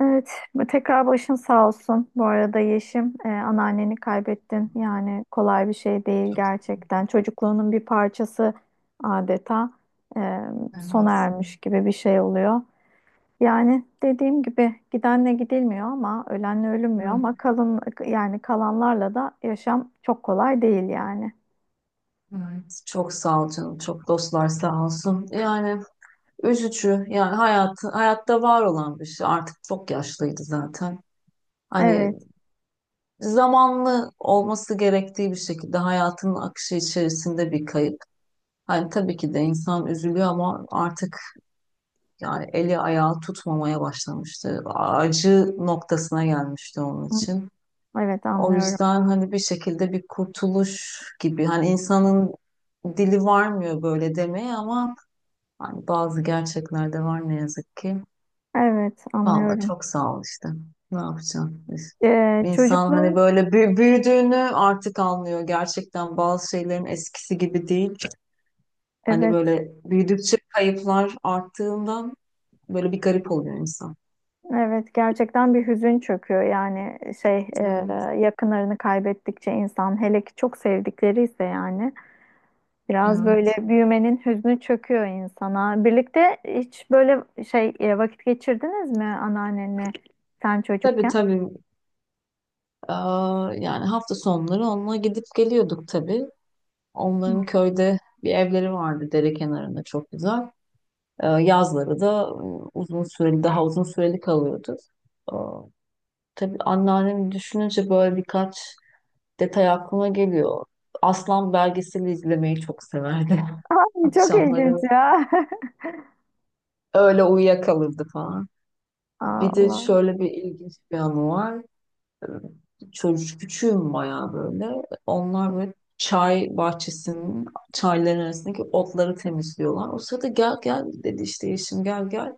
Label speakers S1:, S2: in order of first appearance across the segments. S1: Evet, tekrar başın sağ olsun. Bu arada Yeşim, anneanneni kaybettin. Yani kolay bir şey değil
S2: Çok sağ ol.
S1: gerçekten. Çocukluğunun bir parçası adeta e, sona
S2: Vermez.
S1: ermiş gibi bir şey oluyor. Yani dediğim gibi gidenle gidilmiyor ama ölenle ölünmüyor
S2: Yok,
S1: ama kalın yani kalanlarla da yaşam çok kolay değil yani.
S2: evet. Çok sağ ol canım. Çok dostlar sağ olsun. Yani üzücü. Yani hayat, hayatta var olan bir şey. Artık çok yaşlıydı zaten. Hani
S1: Evet,
S2: zamanlı olması gerektiği bir şekilde hayatının akışı içerisinde bir kayıp. Hani tabii ki de insan üzülüyor ama artık yani eli ayağı tutmamaya başlamıştı. Acı noktasına gelmişti onun için.
S1: evet,
S2: O
S1: anlıyorum.
S2: yüzden hani bir şekilde bir kurtuluş gibi hani insanın dili varmıyor böyle demeye ama hani bazı gerçekler de var ne yazık ki.
S1: Evet,
S2: Vallahi
S1: anlıyorum.
S2: çok sağ ol işte. Ne yapacağım? İnsan hani
S1: Çocukluğun,
S2: böyle büyüdüğünü artık anlıyor. Gerçekten bazı şeylerin eskisi gibi değil. Hani
S1: evet.
S2: böyle büyüdükçe kayıplar arttığından böyle bir garip oluyor insan.
S1: Evet gerçekten bir hüzün çöküyor yani
S2: Evet,
S1: yakınlarını kaybettikçe insan hele ki çok sevdikleri ise yani biraz böyle
S2: evet.
S1: büyümenin hüznü çöküyor insana. Birlikte hiç böyle vakit geçirdiniz mi anneannenle sen
S2: Tabii
S1: çocukken?
S2: tabii. Aa, yani hafta sonları onunla gidip geliyorduk tabii. Onların
S1: Hmm.
S2: köyde bir evleri vardı dere kenarında çok güzel. Yazları da uzun süreli daha uzun süreli kalıyordu. Ee, tabii anneannemi düşününce böyle birkaç detay aklıma geliyor. Aslan belgeseli izlemeyi çok severdi.
S1: Ay çok
S2: Akşamları
S1: ilginç ya.
S2: öyle uyuyakalırdı falan. Bir de
S1: Allah.
S2: şöyle bir ilginç bir anı var. Çocuk küçüğüm bayağı böyle. Onlar böyle çay bahçesinin çayların arasındaki otları temizliyorlar. O sırada gel gel dedi işte yeşim gel gel.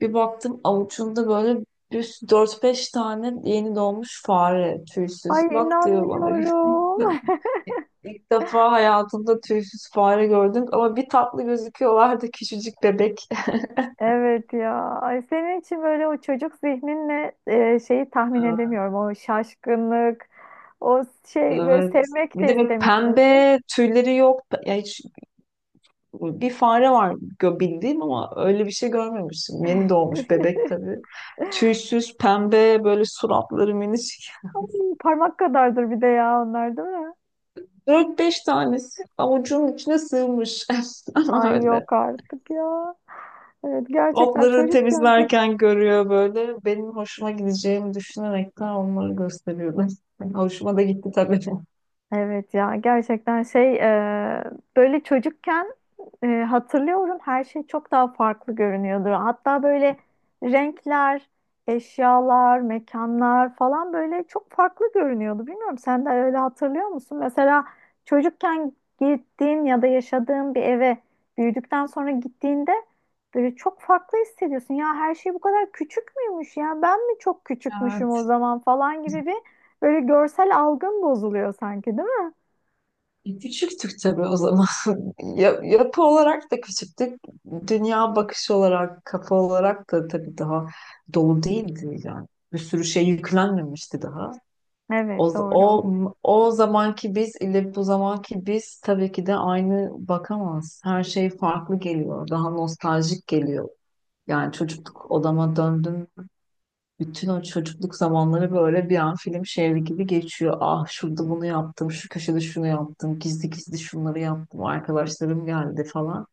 S2: Bir baktım avucunda böyle bir 4-5 tane yeni doğmuş fare tüysüz.
S1: Ay
S2: Bak diyor bana.
S1: inanmıyorum.
S2: İlk defa hayatımda tüysüz fare gördüm ama bir tatlı gözüküyorlardı küçücük bebek.
S1: Evet ya. Ay senin için böyle o çocuk zihninle şeyi tahmin edemiyorum. O şaşkınlık, o şey böyle
S2: Evet.
S1: sevmek
S2: Bir
S1: de
S2: de böyle
S1: istemişsin.
S2: pembe tüyleri yok. Ya hiç bir fare var bildiğim ama öyle bir şey görmemiştim. Yeni doğmuş bebek tabii. Tüysüz, pembe, böyle suratları minicik.
S1: Parmak kadardır bir de ya onlar değil mi?
S2: Dört beş tanesi avucunun içine sığmış.
S1: Ay
S2: Öyle.
S1: yok artık ya. Evet gerçekten
S2: Otları
S1: çocukken çok
S2: temizlerken görüyor böyle. Benim hoşuma gideceğimi düşünerekten onları gösteriyordum. Hoşuma da gitti tabii.
S1: evet ya gerçekten böyle çocukken hatırlıyorum her şey çok daha farklı görünüyordu. Hatta böyle renkler, eşyalar, mekanlar falan böyle çok farklı görünüyordu. Bilmiyorum sen de öyle hatırlıyor musun? Mesela çocukken gittiğin ya da yaşadığın bir eve büyüdükten sonra gittiğinde böyle çok farklı hissediyorsun. Ya her şey bu kadar küçük müymüş ya ben mi çok küçükmüşüm o
S2: Evet.
S1: zaman falan gibi bir böyle görsel algın bozuluyor sanki değil mi?
S2: Küçüktük tabii o zaman. Yapı olarak da küçüktük. Dünya bakışı olarak, kafa olarak da tabii daha dolu değildi yani. Bir sürü şey yüklenmemişti daha.
S1: Evet
S2: O,
S1: doğru.
S2: o, o zamanki biz ile bu zamanki biz tabii ki de aynı bakamaz. Her şey farklı geliyor. Daha nostaljik geliyor. Yani çocukluk odama döndüm. Bütün o çocukluk zamanları böyle bir an film şehri gibi geçiyor. Ah şurada bunu yaptım, şu köşede şunu yaptım, gizli gizli şunları yaptım, arkadaşlarım geldi falan.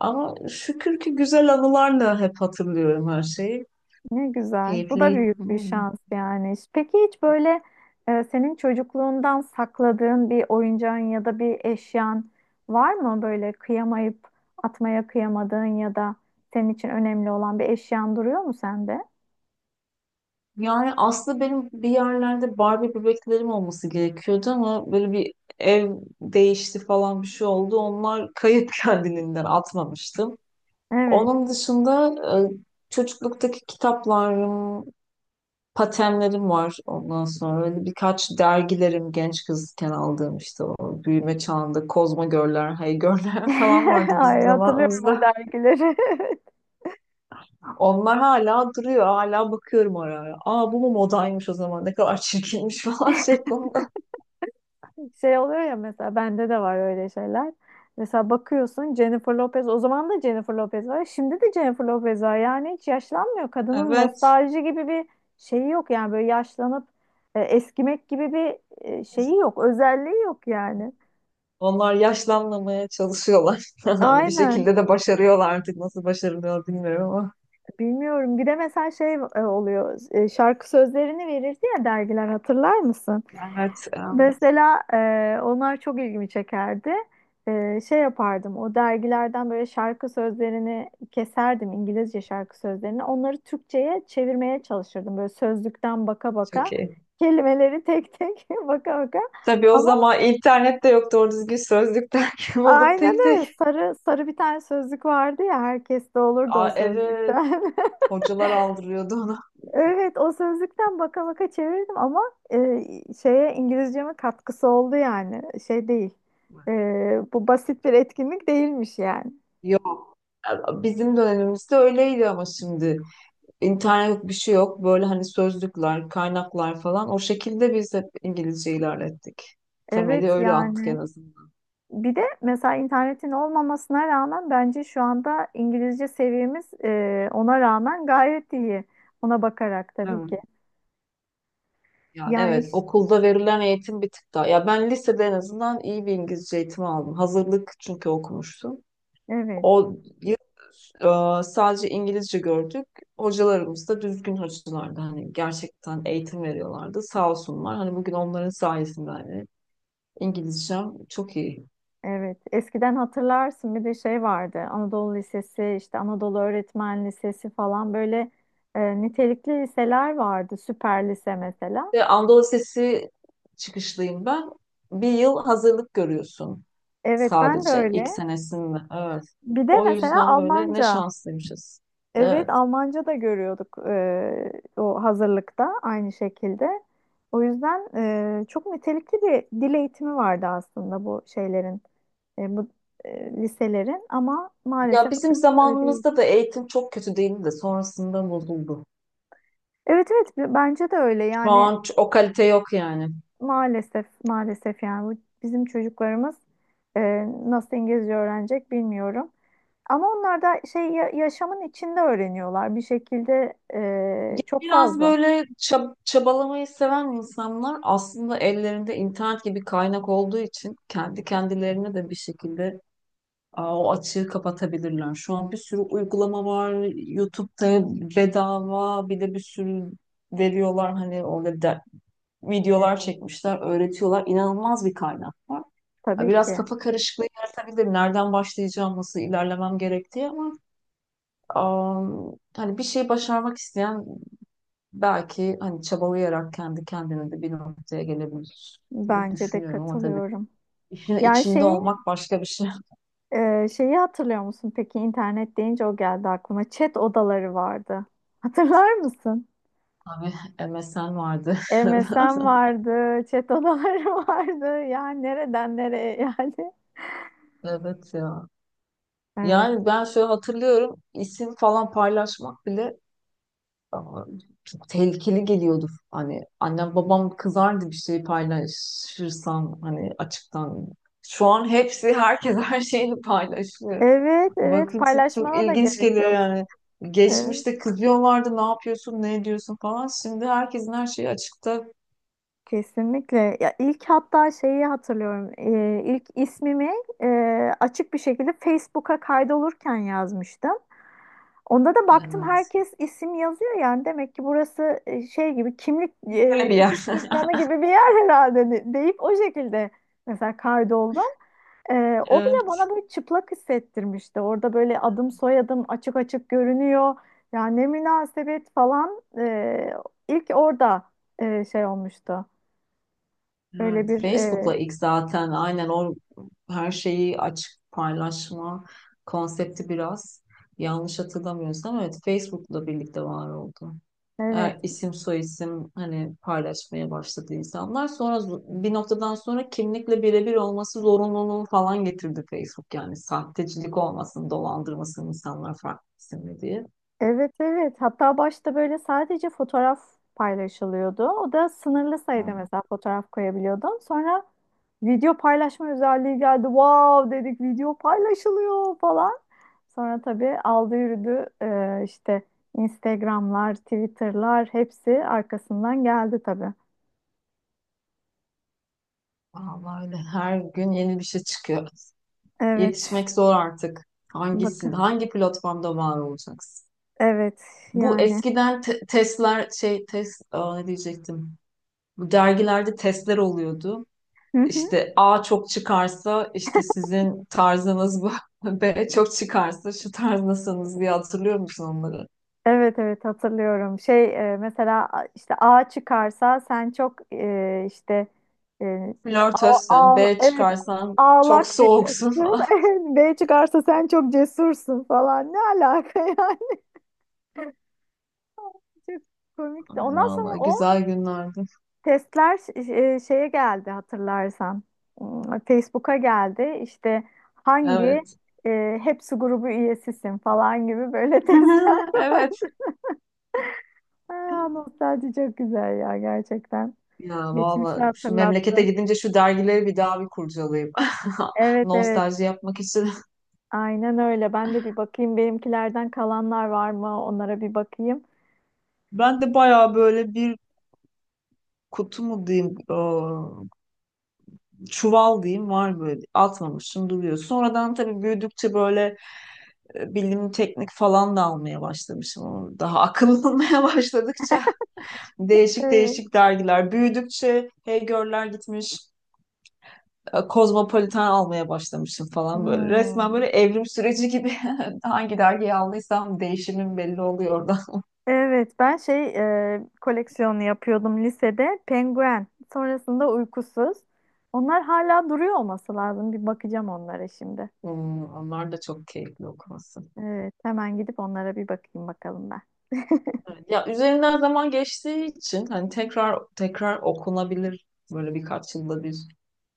S2: Ama şükür ki güzel anılarla hep hatırlıyorum her şeyi.
S1: Ne güzel. Bu da
S2: Keyifli.
S1: büyük bir
S2: Hmm.
S1: şans yani. Peki hiç böyle senin çocukluğundan sakladığın bir oyuncağın ya da bir eşyan var mı? Böyle kıyamayıp atmaya kıyamadığın ya da senin için önemli olan bir eşyan duruyor mu sende?
S2: Yani aslında benim bir yerlerde Barbie bebeklerim olması gerekiyordu ama böyle bir ev değişti falan bir şey oldu. Onlar kayıp, kendiliğinden atmamıştım.
S1: Evet.
S2: Onun dışında çocukluktaki kitaplarım, patenlerim var. Ondan sonra öyle birkaç dergilerim genç kızken aldığım işte o büyüme çağında Kozma Görler, Hey Görler falan vardı bizim
S1: Ay hatırlıyorum o
S2: zamanımızda.
S1: dergileri.
S2: Onlar hala duruyor. Hala bakıyorum ara ara. Aa bu mu modaymış o zaman? Ne kadar çirkinmiş falan şeklinde.
S1: Şey oluyor ya, mesela bende de var öyle şeyler. Mesela bakıyorsun Jennifer Lopez, o zaman da Jennifer Lopez var. Şimdi de Jennifer Lopez var. Yani hiç yaşlanmıyor. Kadının
S2: Evet.
S1: nostalji gibi bir şeyi yok yani böyle yaşlanıp eskimek gibi bir şeyi yok. Özelliği yok yani.
S2: Onlar yaşlanmamaya çalışıyorlar. Bir
S1: Aynen.
S2: şekilde de başarıyorlar artık. Nasıl başarılıyor bilmiyorum ama.
S1: Bilmiyorum. Bir de mesela oluyor. Şarkı sözlerini verirdi ya dergiler, hatırlar mısın?
S2: Evet, evet.
S1: Mesela onlar çok ilgimi çekerdi. Şey yapardım, o dergilerden böyle şarkı sözlerini keserdim, İngilizce şarkı sözlerini. Onları Türkçe'ye çevirmeye çalışırdım. Böyle sözlükten baka baka,
S2: Çok iyi.
S1: kelimeleri tek tek baka baka.
S2: Tabii o
S1: Ama
S2: zaman internet de yoktu. Doğru düzgün sözlük derken olup
S1: aynen
S2: tek
S1: öyle.
S2: tek.
S1: Sarı, sarı bir tane sözlük vardı ya, herkeste olurdu
S2: Aa
S1: o
S2: evet.
S1: sözlükten.
S2: Hocalar aldırıyordu onu.
S1: Evet, o sözlükten baka baka çevirdim ama şeye, İngilizceme katkısı oldu yani. Şey değil. E, bu basit bir etkinlik değilmiş yani.
S2: Yok. Bizim dönemimizde öyleydi ama şimdi. İnternet yok, bir şey yok. Böyle hani sözlükler, kaynaklar falan. O şekilde biz hep İngilizce ilerlettik. Temeli
S1: Evet
S2: öyle attık en
S1: yani.
S2: azından.
S1: Bir de mesela internetin olmamasına rağmen bence şu anda İngilizce seviyemiz, ona rağmen gayet iyi. Ona bakarak tabii ki.
S2: Evet. Ya
S1: Yani
S2: evet,
S1: iş-
S2: okulda verilen eğitim bir tık daha. Ya ben lisede en azından iyi bir İngilizce eğitimi aldım. Hazırlık çünkü okumuştum.
S1: evet.
S2: O yıl sadece İngilizce gördük. Hocalarımız da düzgün hocalardı. Hani gerçekten eğitim veriyorlardı. Sağ olsunlar. Hani bugün onların sayesinde hani İngilizcem çok iyi.
S1: Evet, eskiden hatırlarsın bir de şey vardı. Anadolu Lisesi, işte Anadolu Öğretmen Lisesi falan, böyle nitelikli liseler vardı. Süper lise mesela.
S2: Ve Anadolu Lisesi çıkışlıyım ben. Bir yıl hazırlık görüyorsun
S1: Evet, ben de
S2: sadece ilk
S1: öyle.
S2: senesinde. Evet.
S1: Bir de
S2: O
S1: mesela
S2: yüzden böyle ne
S1: Almanca.
S2: şanslıymışız.
S1: Evet,
S2: Evet.
S1: Almanca da görüyorduk o hazırlıkta, aynı şekilde. O yüzden çok nitelikli bir dil eğitimi vardı aslında bu şeylerin, bu liselerin, ama
S2: Ya
S1: maalesef
S2: bizim
S1: artık öyle değil.
S2: zamanımızda da eğitim çok kötü değildi de sonrasında bozuldu.
S1: Evet evet, bence de öyle
S2: Şu
S1: yani.
S2: an o kalite yok yani.
S1: Maalesef, maalesef yani bu bizim çocuklarımız e, nasıl İngilizce öğrenecek bilmiyorum. Ama onlar da şey yaşamın içinde öğreniyorlar bir şekilde
S2: Ya
S1: çok
S2: biraz
S1: fazla.
S2: böyle çabalamayı seven insanlar aslında ellerinde internet gibi kaynak olduğu için kendi kendilerine de bir şekilde aa, o açığı kapatabilirler. Şu an bir sürü uygulama var. YouTube'da bedava bir de bir sürü veriyorlar. Hani orada videolar
S1: Evet,
S2: çekmişler, öğretiyorlar. İnanılmaz bir kaynak var. Ha,
S1: tabii
S2: biraz
S1: ki.
S2: kafa karışıklığı yaratabilir. Nereden başlayacağım, nasıl ilerlemem gerektiği ama aa, hani bir şey başarmak isteyen belki hani çabalayarak kendi kendine de bir noktaya gelebilir diye
S1: Bence de
S2: düşünüyorum ama tabii
S1: katılıyorum.
S2: işin
S1: Yani
S2: içinde olmak başka bir şey.
S1: şeyi hatırlıyor musun peki, internet deyince o geldi aklıma. Chat odaları vardı. Hatırlar mısın?
S2: Tabii MSN vardı.
S1: MSN vardı, chat odaları vardı. Yani nereden nereye yani?
S2: Evet ya.
S1: Evet.
S2: Yani ben şöyle hatırlıyorum isim falan paylaşmak bile aa, çok tehlikeli geliyordu. Hani annem babam kızardı bir şey paylaşırsan hani açıktan. Şu an hepsi herkes her şeyini paylaşıyor.
S1: Evet, evet,
S2: Bakınca çok
S1: paylaşmana da
S2: ilginç
S1: gerek
S2: geliyor
S1: yok.
S2: yani.
S1: Evet,
S2: Geçmişte kızıyorlardı ne yapıyorsun ne ediyorsun falan. Şimdi herkesin her şeyi açıkta.
S1: kesinlikle. Ya ilk hatta şeyi hatırlıyorum. E, ilk ismimi e, açık bir şekilde Facebook'a kaydolurken yazmıştım. Onda da baktım
S2: Evet.
S1: herkes isim yazıyor, yani demek ki burası şey gibi, kimlik,
S2: Böyle bir
S1: nüfus
S2: yer.
S1: cüzdanı gibi bir yer herhalde deyip o şekilde mesela kaydoldum. E, o bile bana böyle çıplak hissettirmişti. Orada böyle adım soyadım açık açık görünüyor. Yani ne münasebet falan, ilk orada şey olmuştu. Böyle
S2: Evet,
S1: bir
S2: Facebook'la ilk zaten aynen o her şeyi açık paylaşma konsepti biraz yanlış hatırlamıyorsam evet Facebook'la birlikte var oldu. Eğer
S1: evet.
S2: isim soyisim hani paylaşmaya başladı insanlar sonra bir noktadan sonra kimlikle birebir olması zorunluluğu falan getirdi Facebook yani sahtecilik olmasın dolandırmasın insanlar farklı isimli diye.
S1: Evet evet. Hatta başta böyle sadece fotoğraf paylaşılıyordu. O da sınırlı sayıda,
S2: Ben-
S1: mesela fotoğraf koyabiliyordun. Sonra video paylaşma özelliği geldi. Wow dedik, video paylaşılıyor falan. Sonra tabii aldı yürüdü. İşte Instagram'lar, Twitter'lar, hepsi arkasından geldi tabii.
S2: Vallahi öyle her gün yeni bir şey çıkıyor.
S1: Evet.
S2: Yetişmek zor artık. Hangisin,
S1: Bakın.
S2: hangi platformda var olacaksın?
S1: Evet
S2: Bu
S1: yani.
S2: eskiden testler şey test aa, ne diyecektim? Bu dergilerde testler oluyordu. İşte A çok çıkarsa işte sizin tarzınız bu. B çok çıkarsa şu tarzdasınız diye hatırlıyor musun onları?
S1: Evet evet, hatırlıyorum. Mesela işte, A çıkarsa sen çok işte, e,
S2: Flörtözsün. B
S1: evet,
S2: çıkarsan çok
S1: ağlak bir
S2: soğuksun
S1: kızsın.
S2: falan.
S1: B çıkarsa sen çok cesursun falan. Ne alaka yani? Çok komikti.
S2: Ay,
S1: Ondan sonra
S2: vallahi
S1: o
S2: güzel günlerdi.
S1: testler şeye geldi hatırlarsan. Hmm, Facebook'a geldi. İşte hangi
S2: Evet.
S1: hepsi grubu üyesisin falan gibi, böyle testler
S2: Evet.
S1: vardı. Aa, nostalji çok güzel ya gerçekten.
S2: Ya
S1: Geçmişi
S2: valla şu
S1: hatırlattı.
S2: memlekete gidince şu dergileri bir daha bir kurcalayayım.
S1: Evet evet,
S2: Nostalji yapmak için.
S1: aynen öyle. Ben de bir bakayım benimkilerden kalanlar var mı? Onlara bir bakayım.
S2: Ben de bayağı böyle bir kutu mu diyeyim, çuval diyeyim var böyle atmamışım duruyor. Sonradan tabii büyüdükçe böyle bilim teknik falan da almaya başlamışım. Ama daha akıllanmaya başladıkça değişik
S1: Evet.
S2: değişik dergiler. Büyüdükçe Heygör'ler gitmiş, kozmopolitan almaya başlamışım falan böyle. Resmen
S1: Hmm.
S2: böyle evrim süreci gibi hangi dergiyi aldıysam değişimim belli oluyor orada.
S1: Evet ben koleksiyonu yapıyordum lisede. Penguen. Sonrasında uykusuz. Onlar hala duruyor olması lazım. Bir bakacağım onlara şimdi.
S2: Hmm, onlar da çok keyifli okuması.
S1: Evet hemen gidip onlara bir bakayım bakalım ben.
S2: Evet, ya üzerinden zaman geçtiği için hani tekrar tekrar okunabilir. Böyle birkaç yılda bir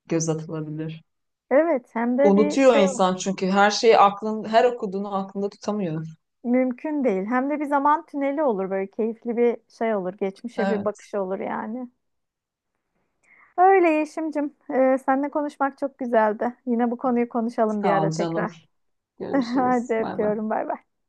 S2: göz atılabilir.
S1: Evet hem de bir
S2: Unutuyor
S1: şey oldu.
S2: insan çünkü her şeyi aklın her okuduğunu aklında tutamıyor.
S1: Mümkün değil. Hem de bir zaman tüneli olur, böyle keyifli bir şey olur. Geçmişe bir
S2: Evet.
S1: bakış olur yani. Öyle Yeşim'cim. Seninle konuşmak çok güzeldi. Yine bu konuyu konuşalım bir
S2: Sağ
S1: ara
S2: ol canım.
S1: tekrar. Hadi
S2: Görüşürüz. Bay bay.
S1: öpüyorum. Bay bay.